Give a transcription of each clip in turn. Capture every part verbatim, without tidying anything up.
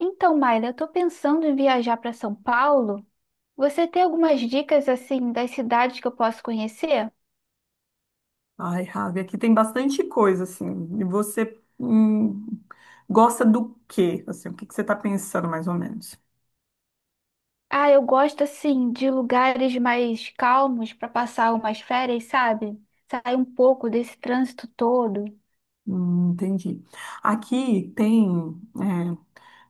Então, Mayra, eu estou pensando em viajar para São Paulo. Você tem algumas dicas assim das cidades que eu posso conhecer? Ai, Ravi, aqui tem bastante coisa, assim. E você hum, gosta do quê? Assim, o que que você está pensando, mais ou menos? Ah, eu gosto assim de lugares mais calmos para passar umas férias, sabe? Sair um pouco desse trânsito todo. Hum, entendi. Aqui tem, é,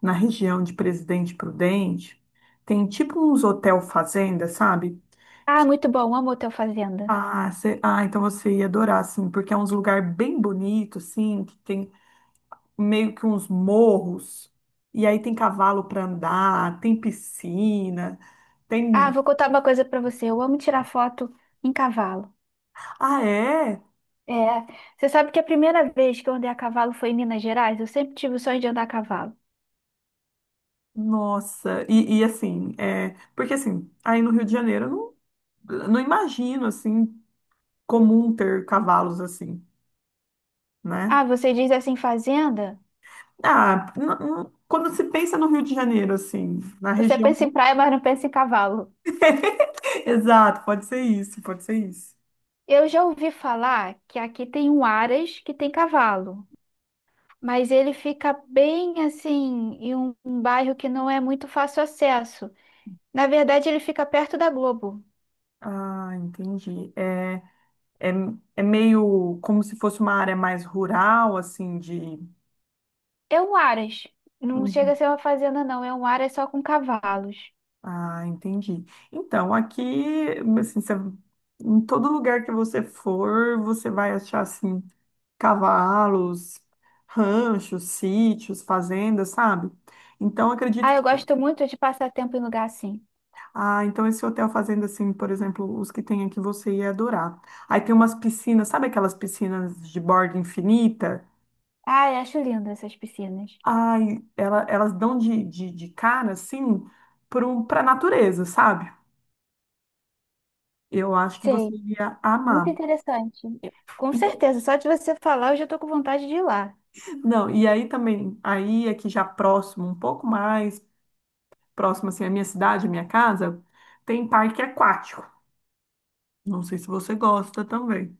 na região de Presidente Prudente, tem tipo uns hotel fazenda, sabe? Ah, Que- muito bom, amo Hotel Fazenda. Ah, cê- ah, então você ia adorar, assim, porque é uns lugar bem bonito, assim, que tem meio que uns morros, e aí tem cavalo para andar, tem piscina, Ah, tem... vou contar uma coisa para você. Eu amo tirar foto em cavalo. Ah, é? É, você sabe que a primeira vez que eu andei a cavalo foi em Minas Gerais? Eu sempre tive o sonho de andar a cavalo. Nossa, e, e assim, é, porque assim, aí no Rio de Janeiro eu não, não imagino assim comum ter cavalos assim, né? Ah, você diz assim, fazenda? Ah, n- n- quando se pensa no Rio de Janeiro, assim, na Você região. pensa em praia, mas não pensa em cavalo. Exato, pode ser isso, pode ser isso. Eu já ouvi falar que aqui tem um Aras que tem cavalo, mas ele fica bem assim, em um, um bairro que não é muito fácil acesso. Na verdade, ele fica perto da Globo. Ah, entendi. É, é, é meio como se fosse uma área mais rural, assim, de. É um Aras. Não chega Uhum. a ser uma fazenda, não. É um Aras só com cavalos. Ah, entendi. Então, aqui, assim, você- em todo lugar que você for, você vai achar, assim, cavalos, ranchos, sítios, fazendas, sabe? Então, acredito Ah, eu que... gosto muito de passar tempo em lugar assim. Ah, então esse hotel fazenda, assim, por exemplo, os que tem aqui, você ia adorar. Aí tem umas piscinas, sabe aquelas piscinas de borda infinita? Ah, eu acho lindo essas piscinas. Ai, ela, elas dão de, de, de cara, assim, para a natureza, sabe? Eu acho que você Sei, ia muito amar. interessante. Eu- com certeza, só de você falar, eu já tô com vontade de ir lá. Não, e aí também, aí aqui já próximo, um pouco mais próximo assim, a minha cidade, a minha casa, tem parque aquático. Não sei se você gosta também.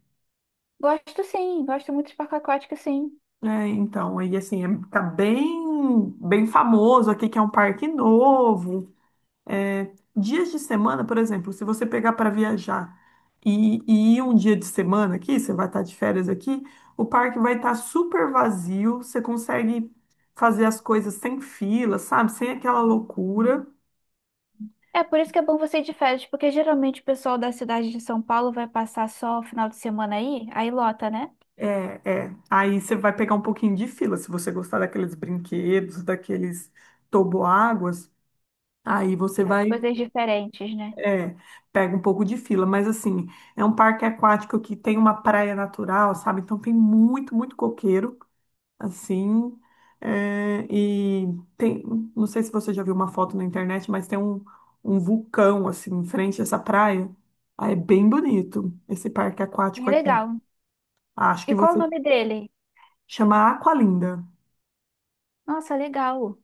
Gosto sim, gosto muito de parque aquático, sim. É, então, aí assim, é- tá bem, bem famoso aqui que é um parque novo. É, dias de semana, por exemplo, se você pegar para viajar e, e ir um dia de semana aqui, você vai estar de férias aqui, o parque vai estar super vazio, você consegue fazer as coisas sem fila, sabe? Sem aquela loucura. É por isso que é bom você ir de férias, porque geralmente o pessoal da cidade de São Paulo vai passar só o final de semana aí, aí lota, né? É, é. Aí você vai pegar um pouquinho de fila, se você gostar daqueles brinquedos, daqueles toboáguas, aí você As vai, coisas diferentes, né? é, pega um pouco de fila. Mas assim, é um parque aquático que tem uma praia natural, sabe? Então tem muito, muito coqueiro, assim. é, e tem, não sei se você já viu uma foto na internet, mas tem um, um vulcão, assim, em frente a essa praia. Aí é bem bonito esse parque Bem aquático aqui. legal. Acho E que qual o você nome dele? chama Aqualinda. Nossa, legal.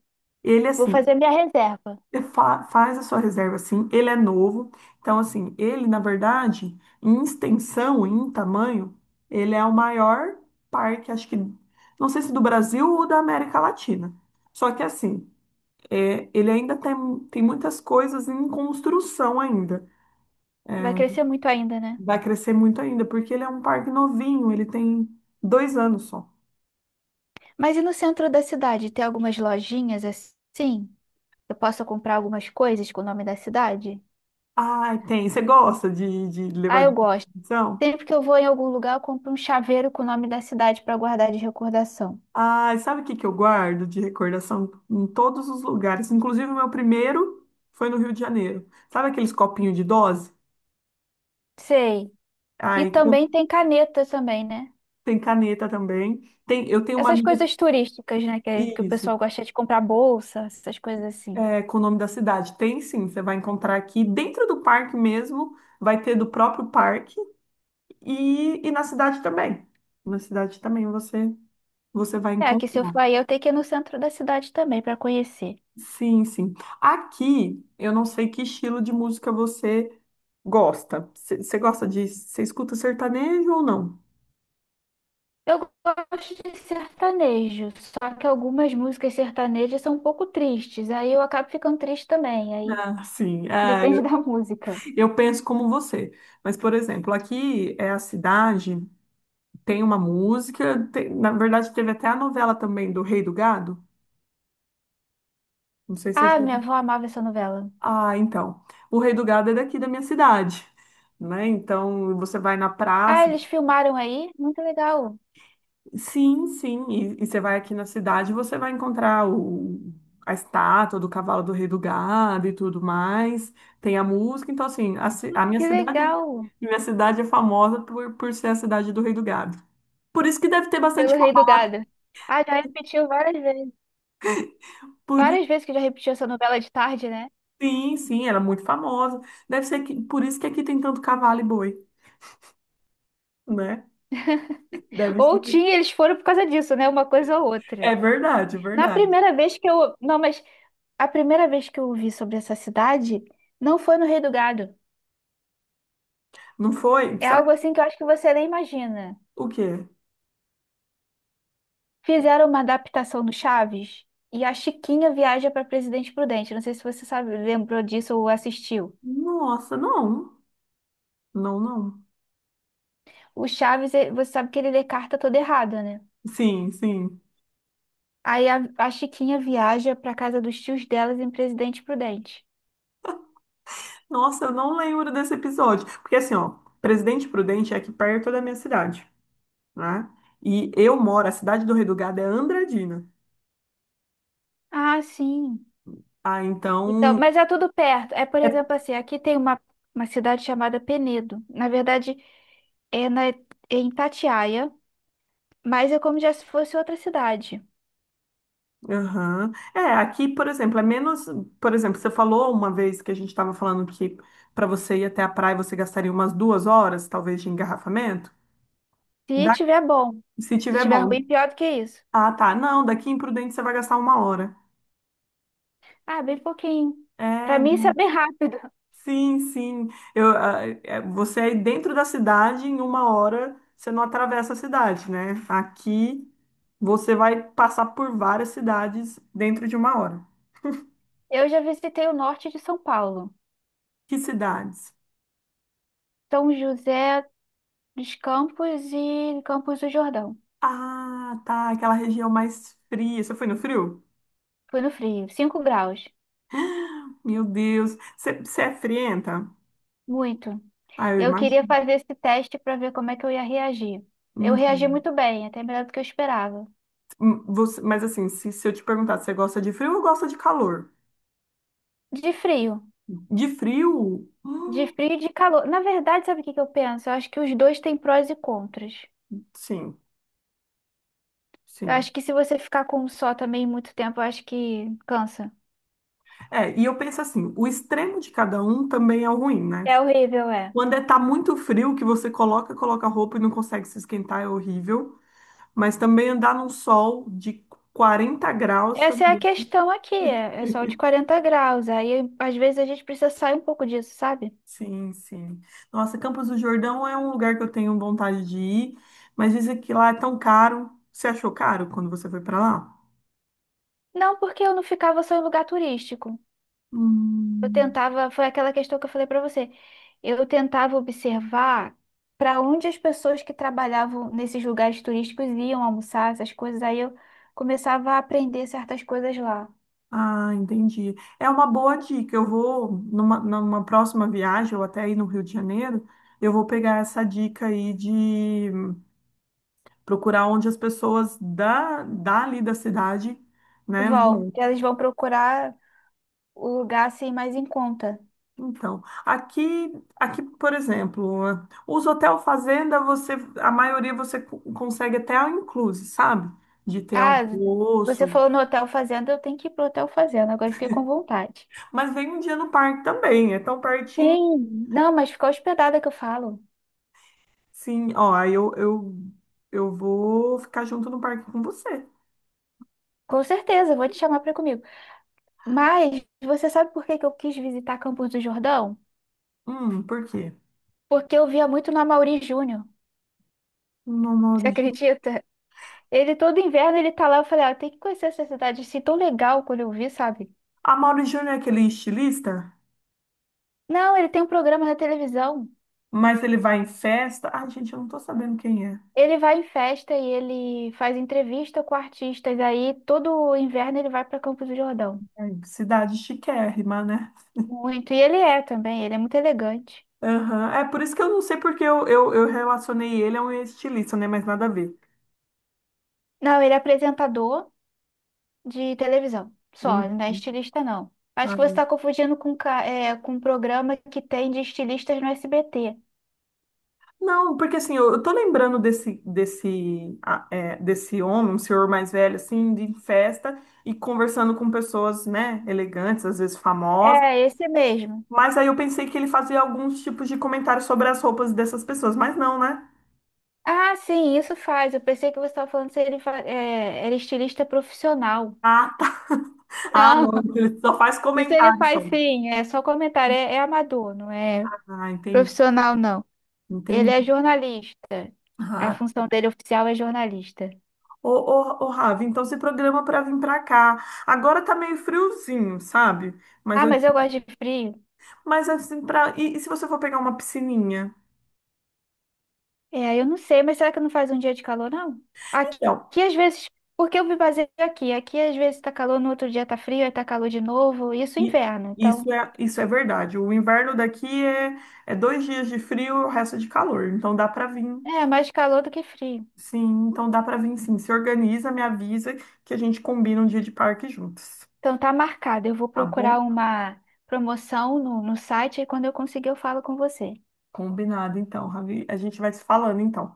Ele, Vou assim, fazer minha reserva. fa- faz a sua reserva assim, ele é novo. Então, assim, ele, na verdade, em extensão, em tamanho, ele é o maior parque, acho que, não sei se do Brasil ou da América Latina. Só que, assim, é, ele ainda tem, tem muitas coisas em construção ainda. Vai crescer muito ainda, né? Vai crescer muito ainda, porque ele é um parque novinho, ele tem dois anos só. Mas e no centro da cidade, tem algumas lojinhas assim? Eu posso comprar algumas coisas com o nome da cidade? Ai, tem. Você gosta de, de Ah, levar eu de gosto. competição? Sempre que eu vou em algum lugar, eu compro um chaveiro com o nome da cidade para guardar de recordação. Ai, sabe o que que eu guardo de recordação em todos os lugares? Inclusive, o meu primeiro foi no Rio de Janeiro. Sabe aqueles copinhos de dose? Sei. E Ai, com- também tem caneta também, né? Tem caneta também. Tem, eu tenho uma Essas amiga, coisas turísticas, né? Que, é, que o isso, pessoal gosta de comprar bolsa, essas coisas assim. é, com o nome da cidade. Tem sim, você vai encontrar aqui dentro do parque mesmo, vai ter do próprio parque e, e na cidade também. Na cidade também você, você vai É, que se eu encontrar. for aí, eu tenho que ir no centro da cidade também para conhecer. Sim, sim. Aqui, eu não sei que estilo de música você gosta. Você gosta de. Você escuta sertanejo ou não? Eu gosto de sertanejo, só que algumas músicas sertanejas são um pouco tristes. Aí eu acabo ficando triste também. Aí Ah, sim. Ah, depende eu, da música. eu penso como você. Mas, por exemplo, aqui é a cidade, tem uma música. Tem- na verdade, teve até a novela também do Rei do Gado. Não sei se você Ah, já... minha ouviu. avó amava essa novela. Ah, então. O Rei do Gado é daqui da minha cidade, né? Então, você vai na Ah, praça. eles filmaram aí? Muito legal. Sim, sim. E, e você vai aqui na cidade, você vai encontrar o, a estátua do cavalo do Rei do Gado e tudo mais. Tem a música, então assim, a, ci- a Nossa, minha que cidade, legal. minha cidade é famosa por, por ser a cidade do Rei do Gado. Por isso que deve ter Pelo bastante Rei do cavalo. Gado. Ah, já repetiu várias vezes. Por, i- Várias vezes que já repetiu essa novela de tarde, né? sim, sim, ela é muito famosa. Deve ser que, por isso que aqui tem tanto cavalo e boi, né? Deve Ou ser. tinha, eles foram por causa disso, né? Uma coisa ou É outra. verdade, é Na verdade. primeira vez que eu. Não, mas a primeira vez que eu ouvi sobre essa cidade não foi no Rei do Gado. Não foi? É Será algo que assim que eu acho que você nem imagina. o quê? Fizeram uma adaptação no Chaves e a Chiquinha viaja para Presidente Prudente. Não sei se você sabe, lembrou disso ou assistiu. Nossa, não. Não, não. O Chaves, eh, você sabe que ele lê carta toda errada, né? Sim, sim. Aí a, a Chiquinha viaja para casa dos tios delas em Presidente Prudente. Nossa, eu não lembro desse episódio. Porque assim, ó, Presidente Prudente é aqui perto da minha cidade, né? E eu moro, a cidade do Redugado é Andradina. Ah, sim. Ah, Então, então. mas é tudo perto. É, por É, exemplo, assim, aqui tem uma, uma cidade chamada Penedo. Na verdade, é, na, é em Itatiaia, mas é como já se fosse outra cidade. aham. É, aqui, por exemplo, é menos. Por exemplo, você falou uma vez que a gente estava falando que para você ir até a praia você gastaria umas duas horas, talvez, de engarrafamento. Se Da, tiver bom, se se tiver tiver bom. ruim, pior do que isso. Ah, tá. Não, daqui em Prudente você vai gastar uma hora. Ah, bem pouquinho. Para É. mim, isso é bem rápido. Sim, sim. Eu, ah, é, você aí dentro da cidade, em uma hora, você não atravessa a cidade, né? Aqui você vai passar por várias cidades dentro de uma hora. Eu já visitei o norte de São Paulo, Que cidades? São José dos Campos e Campos do Jordão. Ah, tá, aquela região mais fria. Você foi no frio? Foi no frio, cinco graus. Meu Deus. Você, você é frienta? Muito. Ah, eu Eu queria imagino. fazer esse teste para ver como é que eu ia reagir. Eu reagi Uhum. muito bem, até melhor do que eu esperava. Hum. Você, mas assim, se, se eu te perguntar se você gosta de frio ou gosta de calor? De frio, De frio? de Hum, frio e de calor. Na verdade, sabe o que que eu penso? Eu acho que os dois têm prós e contras. sim, Eu sim. acho que se você ficar com um só também muito tempo, eu acho que cansa. É, e eu penso assim, o extremo de cada um também é o ruim, né? É horrível, é. Quando é tá muito frio, que você coloca, coloca roupa e não consegue se esquentar, é horrível. Mas também andar num sol de quarenta graus Essa é a também. questão aqui, é é sol de quarenta graus. Aí, às vezes, a gente precisa sair um pouco disso, sabe? Sim, sim. Nossa, Campos do Jordão é um lugar que eu tenho vontade de ir, mas dizem que lá é tão caro. Você achou caro quando você foi pra lá? Não, porque eu não ficava só em lugar turístico. Eu Hum. tentava, foi aquela questão que eu falei para você. Eu tentava observar para onde as pessoas que trabalhavam nesses lugares turísticos iam almoçar, essas coisas. Aí eu começava a aprender certas coisas lá. Ah, entendi. É uma boa dica. Eu vou, numa, numa próxima viagem, ou até aí no Rio de Janeiro, eu vou pegar essa dica aí de procurar onde as pessoas da, dali da cidade, né, Vão, vão. elas vão procurar o lugar assim mais em conta. Então, aqui, aqui, por exemplo, os hotel fazenda, você, a maioria você co- consegue até all inclusive, sabe? De ter Ah, você almoço. falou no Hotel Fazenda, eu tenho que ir pro Hotel Fazenda. Agora eu fiquei com vontade. Mas vem um dia no parque também, é tão pertinho. Sim, não, mas ficar hospedada que eu falo. Sim, ó, aí eu, eu, eu vou ficar junto no parque com você. Com certeza, eu vou te chamar para comigo. Mas você sabe por que que eu quis visitar Campos do Jordão? Hum, por quê? Porque eu via muito na Mauri Júnior. No Você Mauri Júnior. acredita? Ele todo inverno ele tá lá, eu falei, ah, tem que conhecer essa cidade assim tão legal quando eu vi, sabe? A Mauri Júnior é aquele estilista, Não, ele tem um programa na televisão. mas ele vai em festa. Ai, gente, eu não tô sabendo quem é. Ele vai em festa e ele faz entrevista com artistas. Aí todo inverno ele vai para Campos do Jordão. É, cidade chiquérrima, né? Muito. E ele é também, ele é muito elegante. Aham. É por isso que eu não sei porque eu, eu, eu relacionei ele a um estilista, né? Mas nada a ver. Não, ele é apresentador de televisão. Só, ele Hum. não é estilista, não. Acho que você está confundindo com, ca- é, com um programa que tem de estilistas no S B T. Não, porque assim, eu, eu tô lembrando desse, desse, ah, é, desse homem, um senhor mais velho, assim, de festa e conversando com pessoas, né, elegantes, às vezes famosas. É, esse mesmo. Mas aí eu pensei que ele fazia alguns tipos de comentários sobre as roupas dessas pessoas, mas não, né? Ah, sim, isso faz. Eu pensei que você estava falando se ele fa- é, era estilista profissional. Ah, tá. Ah, Não, não, ele só faz isso ele comentários só. faz sim. É só comentário. É, é amador, não é Ah, entendi, profissional, não. Ele entendi. é jornalista. A Ah, função dele oficial é jornalista. ô, ô, ô, Ravi, então se programa é pra vir pra cá. Agora tá meio friozinho, sabe? Mas Ah, eu, mas eu gosto de frio. mas assim, pra, e e se você for pegar uma piscininha? É, eu não sei, mas será que não faz um dia de calor, não? Aqui, Então, aqui às vezes, porque eu me baseio aqui. Aqui às vezes tá calor, no outro dia tá frio, aí tá calor de novo. Isso é E inverno. Então, Isso é, isso é verdade. O inverno daqui é, é dois dias de frio e o resto é de calor. Então dá para vir, é mais calor do que frio. sim. Então dá para vir, sim. Se organiza, me avisa que a gente combina um dia de parque juntos. Então tá marcado. Eu vou Tá procurar bom? uma promoção no, no site e quando eu conseguir eu falo com você. Combinado, então, Ravi. A gente vai se falando, então.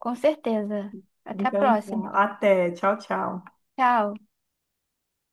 Com certeza. Até a Então, tá. próxima. Até. Tchau, tchau. Tchau.